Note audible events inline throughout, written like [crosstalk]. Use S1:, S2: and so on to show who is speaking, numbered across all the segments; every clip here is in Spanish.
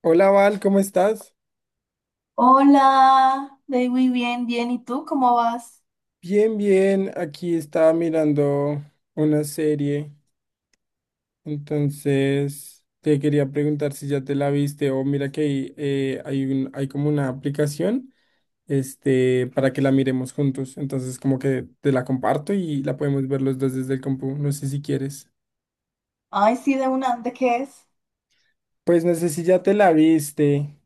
S1: Hola, Val, ¿cómo estás?
S2: Hola, Day, muy bien, bien. ¿Y tú cómo vas?
S1: Bien, bien. Aquí estaba mirando una serie, entonces te quería preguntar si ya te la viste o mira que hay, hay hay como una aplicación, para que la miremos juntos. Entonces como que te la comparto y la podemos ver los dos desde el compu. No sé si quieres.
S2: Ay, sí, de una, ¿de qué es?
S1: Pues no sé si ya te la viste.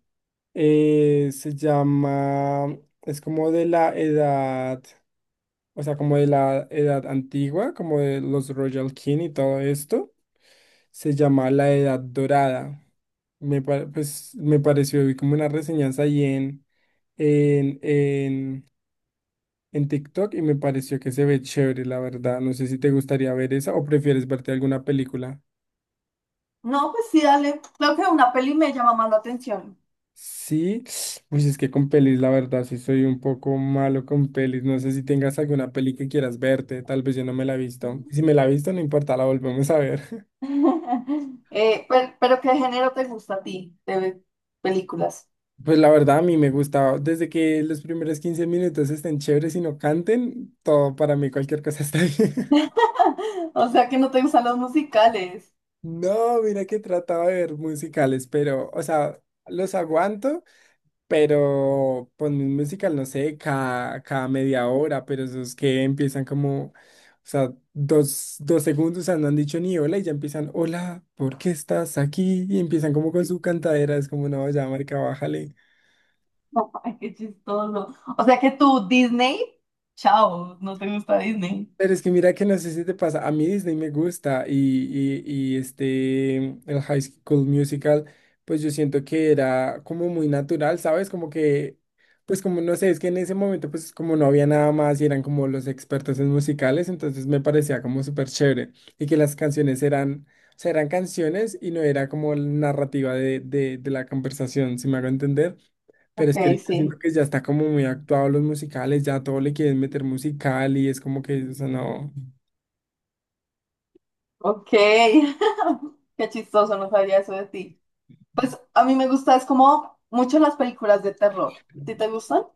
S1: Se llama, es como de la edad. O sea, como de la edad antigua, como de los Royal King y todo esto, se llama la Edad Dorada. Pues, me pareció, vi como una reseñanza ahí en, en, en TikTok y me pareció que se ve chévere, la verdad. No sé si te gustaría ver esa o prefieres verte alguna película.
S2: No, pues sí, dale. Creo que una peli me llama más la atención.
S1: Sí, [sniffs] pues es que con pelis, la verdad, sí soy un poco malo con pelis. No sé si tengas alguna peli que quieras verte, tal vez yo no me la he visto. Si me la he visto, no importa, la volvemos a ver.
S2: [laughs] Pero, ¿qué género te gusta a ti de películas?
S1: Pues la verdad a mí me gusta, desde que los primeros 15 minutos estén chéveres y no canten, todo para mí, cualquier cosa está bien. [laughs]
S2: [laughs] O sea, que no te gustan los musicales.
S1: No, mira que trataba de ver musicales, pero, o sea, los aguanto, pero ponme un musical, no sé, cada 1/2 hora, pero esos que empiezan como, o sea, 2 segundos, o sea, no han dicho ni hola y ya empiezan, hola, ¿por qué estás aquí? Y empiezan como con su cantadera, es como, no, ya, marica, bájale.
S2: [laughs] Ay, qué chistoso. O sea, que tú, Disney, chao, no te gusta Disney.
S1: Pero es que mira que no sé si te pasa, a mí Disney me gusta y el High School Musical, pues yo siento que era como muy natural, ¿sabes? Como que, pues como no sé, es que en ese momento pues como no había nada más y eran como los expertos en musicales, entonces me parecía como súper chévere y que las canciones eran, o sea, eran canciones y no era como la narrativa de la conversación, si me hago entender. Pero
S2: Ok,
S1: es que ahorita siento
S2: sí.
S1: que ya está como muy actuado los musicales, ya todo le quieren meter musical y es como que, o sea, no.
S2: Ok, [laughs] qué chistoso, no sabía eso de ti. A mí me gusta, es como mucho las películas de terror. ¿Sí te gustan?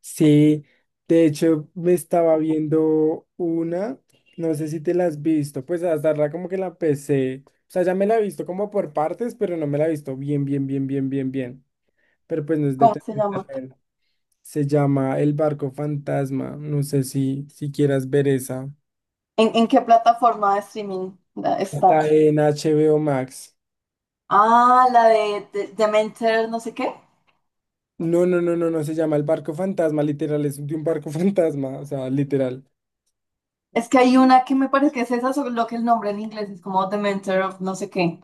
S1: Sí, de hecho me estaba viendo una, no sé si te la has visto, pues hasta la como que la empecé, o sea, ya me la he visto como por partes, pero no me la he visto bien, pero pues no es de
S2: ¿Cómo
S1: terror,
S2: se llama?
S1: terror. Se llama El Barco Fantasma, no sé si, si quieras ver esa.
S2: ¿En qué plataforma de streaming está?
S1: Está en HBO Max.
S2: Ah, la de, Dementor, no sé qué.
S1: No, no, no, no, no se llama el barco fantasma, literal, es de un barco [laughs] fantasma, o sea, literal.
S2: Es que hay una que me parece que es esa, solo que el nombre en inglés es como Dementor of no sé qué.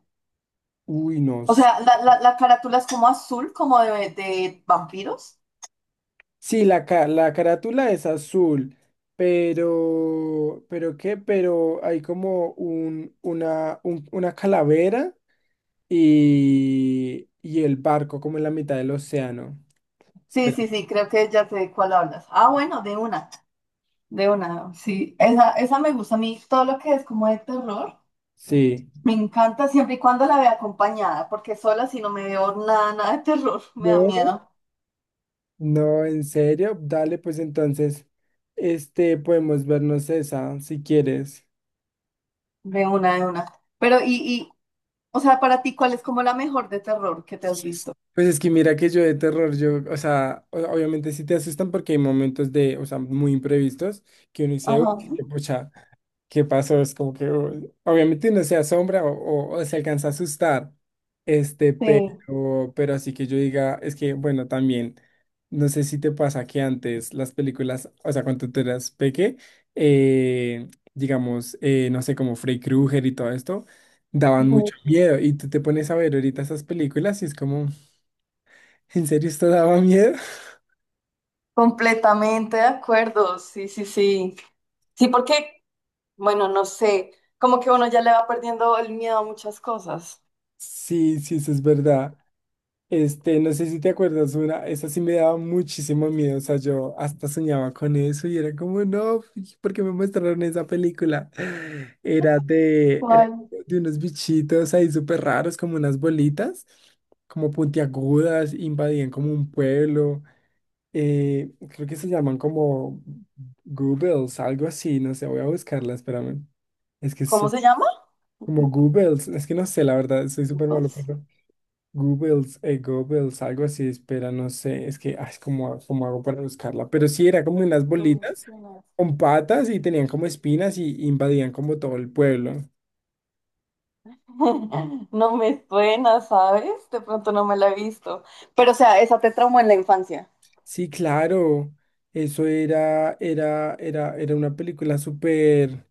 S1: Uy, no.
S2: O sea, la carátula es como azul, como de vampiros.
S1: Sí, la, la carátula es azul, pero qué, pero hay como una calavera y el barco como en la mitad del océano.
S2: Sí,
S1: Espera,
S2: sí, sí, creo que ya sé de cuál hablas. Ah, bueno, de una, sí. Esa me gusta a mí, todo lo que es como de terror.
S1: sí.
S2: Me encanta siempre y cuando la vea acompañada, porque sola si no me veo nada, nada de terror, [laughs] me da
S1: No,
S2: miedo.
S1: no, en serio, dale, pues entonces, podemos vernos esa, si quieres.
S2: De una, de una. Pero, y, o sea, para ti, ¿cuál es como la mejor de terror que te has visto?
S1: Pues es que mira que yo de terror, yo, o sea, obviamente sí te asustan porque hay momentos de, o sea, muy imprevistos que uno dice,
S2: Ajá,
S1: "Uy, qué pucha, ¿qué pasó? Es como que, uy, obviamente uno se asombra o se alcanza a asustar,
S2: sí.
S1: pero así que yo diga, es que, bueno, también, no sé si te pasa que antes las películas, o sea, cuando tú eras peque, eh, digamos, no sé, como Freddy Krueger y todo esto, daban
S2: Ujú.
S1: mucho miedo y tú te pones a ver ahorita esas películas y es como... ¿En serio esto daba miedo? [laughs]
S2: Completamente de acuerdo, sí, sí, sí. Sí, porque, bueno, no sé, como que uno ya le va perdiendo el miedo a muchas cosas.
S1: Sí, sí, eso es verdad. Este, no sé si te acuerdas una, esa sí me daba muchísimo miedo, o sea, yo hasta soñaba con eso y era como, no, ¿por qué me mostraron esa película? [laughs] Era
S2: ¿Cuál?
S1: de unos bichitos ahí súper raros, como unas bolitas, como puntiagudas, invadían como un pueblo, creo que se llaman como Googles, algo así, no sé, voy a buscarla, espérame. Es que es
S2: ¿Cómo se llama?
S1: como Goebbels, es que no sé, la verdad, soy súper malo,
S2: Us?
S1: pero Goebbels, Goebbels, algo así, espera, no sé, es que, ay, ¿cómo, cómo hago para buscarla? Pero sí, era como unas
S2: No me
S1: bolitas
S2: suena.
S1: con patas y tenían como espinas y invadían como todo el pueblo.
S2: [laughs] No me suena, ¿sabes? De pronto no me la he visto. Pero, o sea, esa te traumó en la infancia.
S1: Sí, claro, eso era una película súper,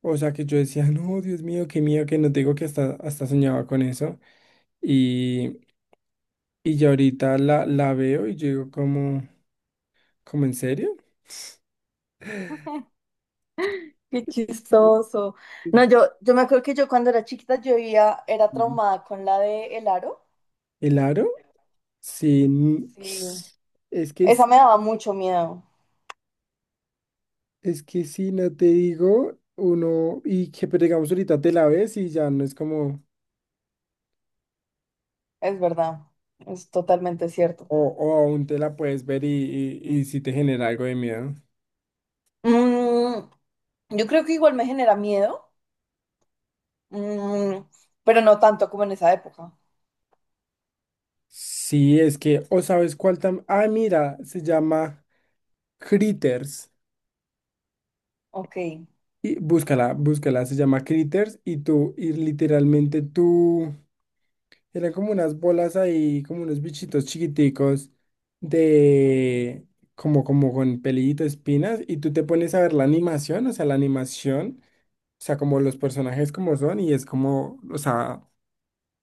S1: o sea, que yo decía, no, Dios mío, qué miedo, que no te digo que hasta soñaba con eso. Y, y ya ahorita la veo y yo digo como, ¿como en serio?
S2: [laughs] Qué chistoso. No, yo me acuerdo que yo cuando era chiquita yo era
S1: Sí.
S2: traumada con la de El Aro.
S1: ¿El aro? Sí.
S2: Sí.
S1: Es que,
S2: Esa me daba mucho miedo.
S1: es que si no te digo, uno, y que pero digamos ahorita te la ves y ya no es como,
S2: Es verdad. Es totalmente cierto.
S1: o aún te la puedes ver y si te genera algo de miedo.
S2: Mm, yo creo que igual me genera miedo, mm, pero no tanto como en esa época.
S1: Sí, es que, o sabes cuál tam, ah, mira, se llama Critters.
S2: Ok.
S1: Y búscala, búscala, se llama Critters y tú, y literalmente tú. Eran como unas bolas ahí, como unos bichitos chiquiticos de como, como con pelito, espinas, y tú te pones a ver la animación, o sea, la animación, o sea, como los personajes como son, y es como, o sea,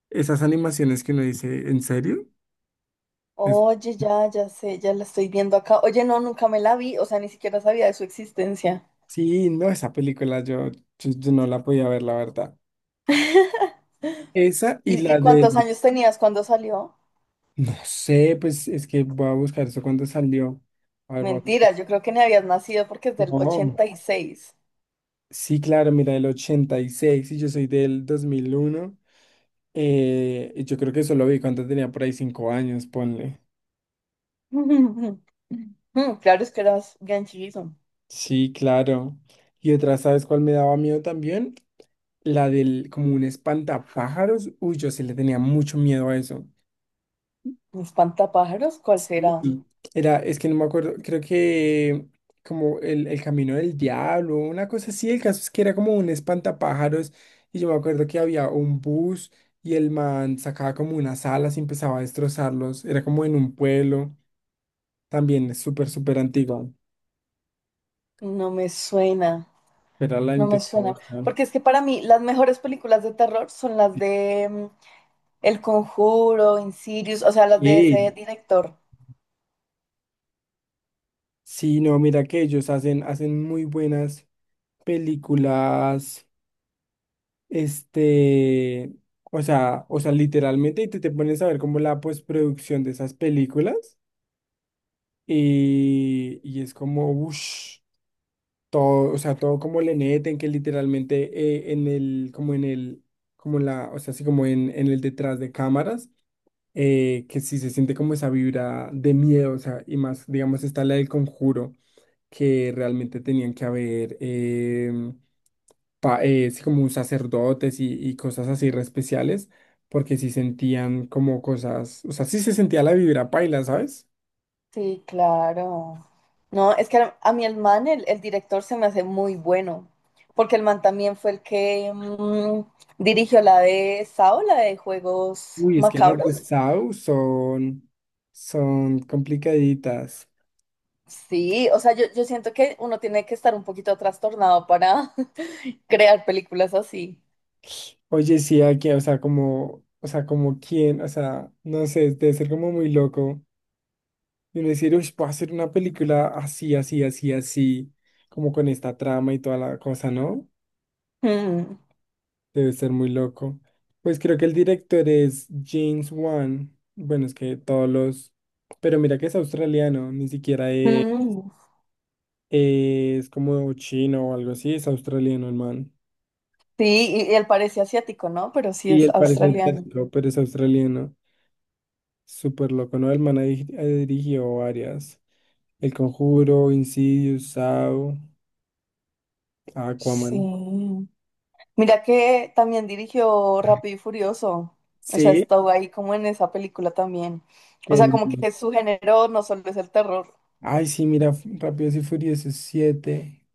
S1: esas animaciones que uno dice, ¿en serio? Es-
S2: Oye, ya sé, ya la estoy viendo acá. Oye, no, nunca me la vi, o sea, ni siquiera sabía de su existencia.
S1: sí, no, esa película yo no la podía ver, la verdad. Esa y
S2: ¿Y,
S1: la
S2: y
S1: de,
S2: cuántos años tenías cuando salió?
S1: no sé, pues es que voy a buscar eso cuando salió. A ver, vamos.
S2: Mentira, yo creo que ni habías nacido porque es del
S1: No.
S2: 86.
S1: Sí, claro, mira, el 86 y yo soy del 2001, y yo creo que eso lo vi cuando tenía por ahí 5 años, ponle.
S2: [laughs] Mm, claro, es que eras bien chiquito.
S1: Sí, claro. Y otra, ¿sabes cuál me daba miedo también? La del como un espantapájaros. Uy, yo sí le tenía mucho miedo a eso.
S2: ¿Un espantapájaros? ¿Cuál
S1: Sí,
S2: será?
S1: era, es que no me acuerdo, creo que como el camino del diablo, una cosa así, el caso es que era como un espantapájaros y yo me acuerdo que había un bus y el man sacaba como unas alas y empezaba a destrozarlos, era como en un pueblo, también es súper, súper antiguo,
S2: No me suena,
S1: pero la
S2: no me
S1: intenté
S2: suena.
S1: buscar.
S2: Porque es que para mí las mejores películas de terror son las de, mm, El Conjuro, Insidious, o sea, las de ese
S1: Sí,
S2: director.
S1: sí, no, mira que ellos hacen, hacen muy buenas películas. Este, o sea, literalmente, te pones a ver como la postproducción de esas películas, y es como, uff, todo, o sea, todo como le meten, que literalmente en el, como la, o sea, así como en el detrás de cámaras, que sí se siente como esa vibra de miedo, o sea, y más, digamos, está la del conjuro, que realmente tenían que haber, sí, como sacerdotes y cosas así re especiales, porque sí sentían como cosas, o sea, sí se sentía la vibra paila, ¿sabes?
S2: Sí, claro. No, es que a mí el man, el director se me hace muy bueno, porque el man también fue el que mm, dirigió la de Sao, la de Juegos
S1: Uy, es que las de
S2: Macabros.
S1: Sau son, son complicaditas.
S2: Sí, o sea, yo siento que uno tiene que estar un poquito trastornado para [laughs] crear películas así.
S1: Oye, sí, aquí, o sea, como quién, o sea, no sé, debe ser como muy loco. Y uno decir, uy, puedo hacer una película así, así, así, así, como con esta trama y toda la cosa, ¿no?
S2: Mm,
S1: Debe ser muy loco. Pues creo que el director es James Wan. Bueno, es que todos los... Pero mira que es australiano, ni siquiera
S2: mm.
S1: es como chino o algo así, es australiano el man.
S2: Sí, y él parece asiático, ¿no? Pero sí
S1: Y
S2: es
S1: él parece
S2: australiano.
S1: asiático, pero es australiano. Súper loco, ¿no? El man ha dirigido varias. El Conjuro, Insidious, Saw, Aquaman.
S2: Sí. Mira que también dirigió Rápido y Furioso. O sea,
S1: Sí.
S2: estuvo ahí como en esa película también. O sea,
S1: El...
S2: como que su género no solo es el terror.
S1: Ay, sí, mira, Rápidos y Furiosos 7,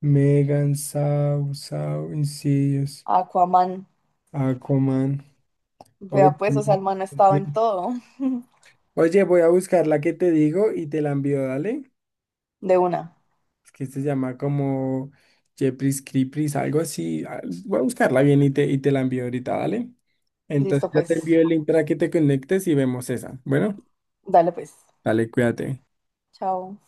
S1: Megan, Saw, Insidious.
S2: Aquaman.
S1: Aquaman. Oye,
S2: Vea pues, o sea,
S1: no,
S2: el man ha
S1: pues,
S2: estado en todo.
S1: oye, voy a buscar la que te digo y te la envío, dale.
S2: De una.
S1: Es que se llama como Jepris Creepers, algo así. Ah, voy a buscarla bien y te la envío ahorita, dale. Entonces
S2: Listo
S1: ya te
S2: pues.
S1: envío el link para que te conectes y vemos esa. Bueno,
S2: Dale pues.
S1: dale, cuídate.
S2: Chao.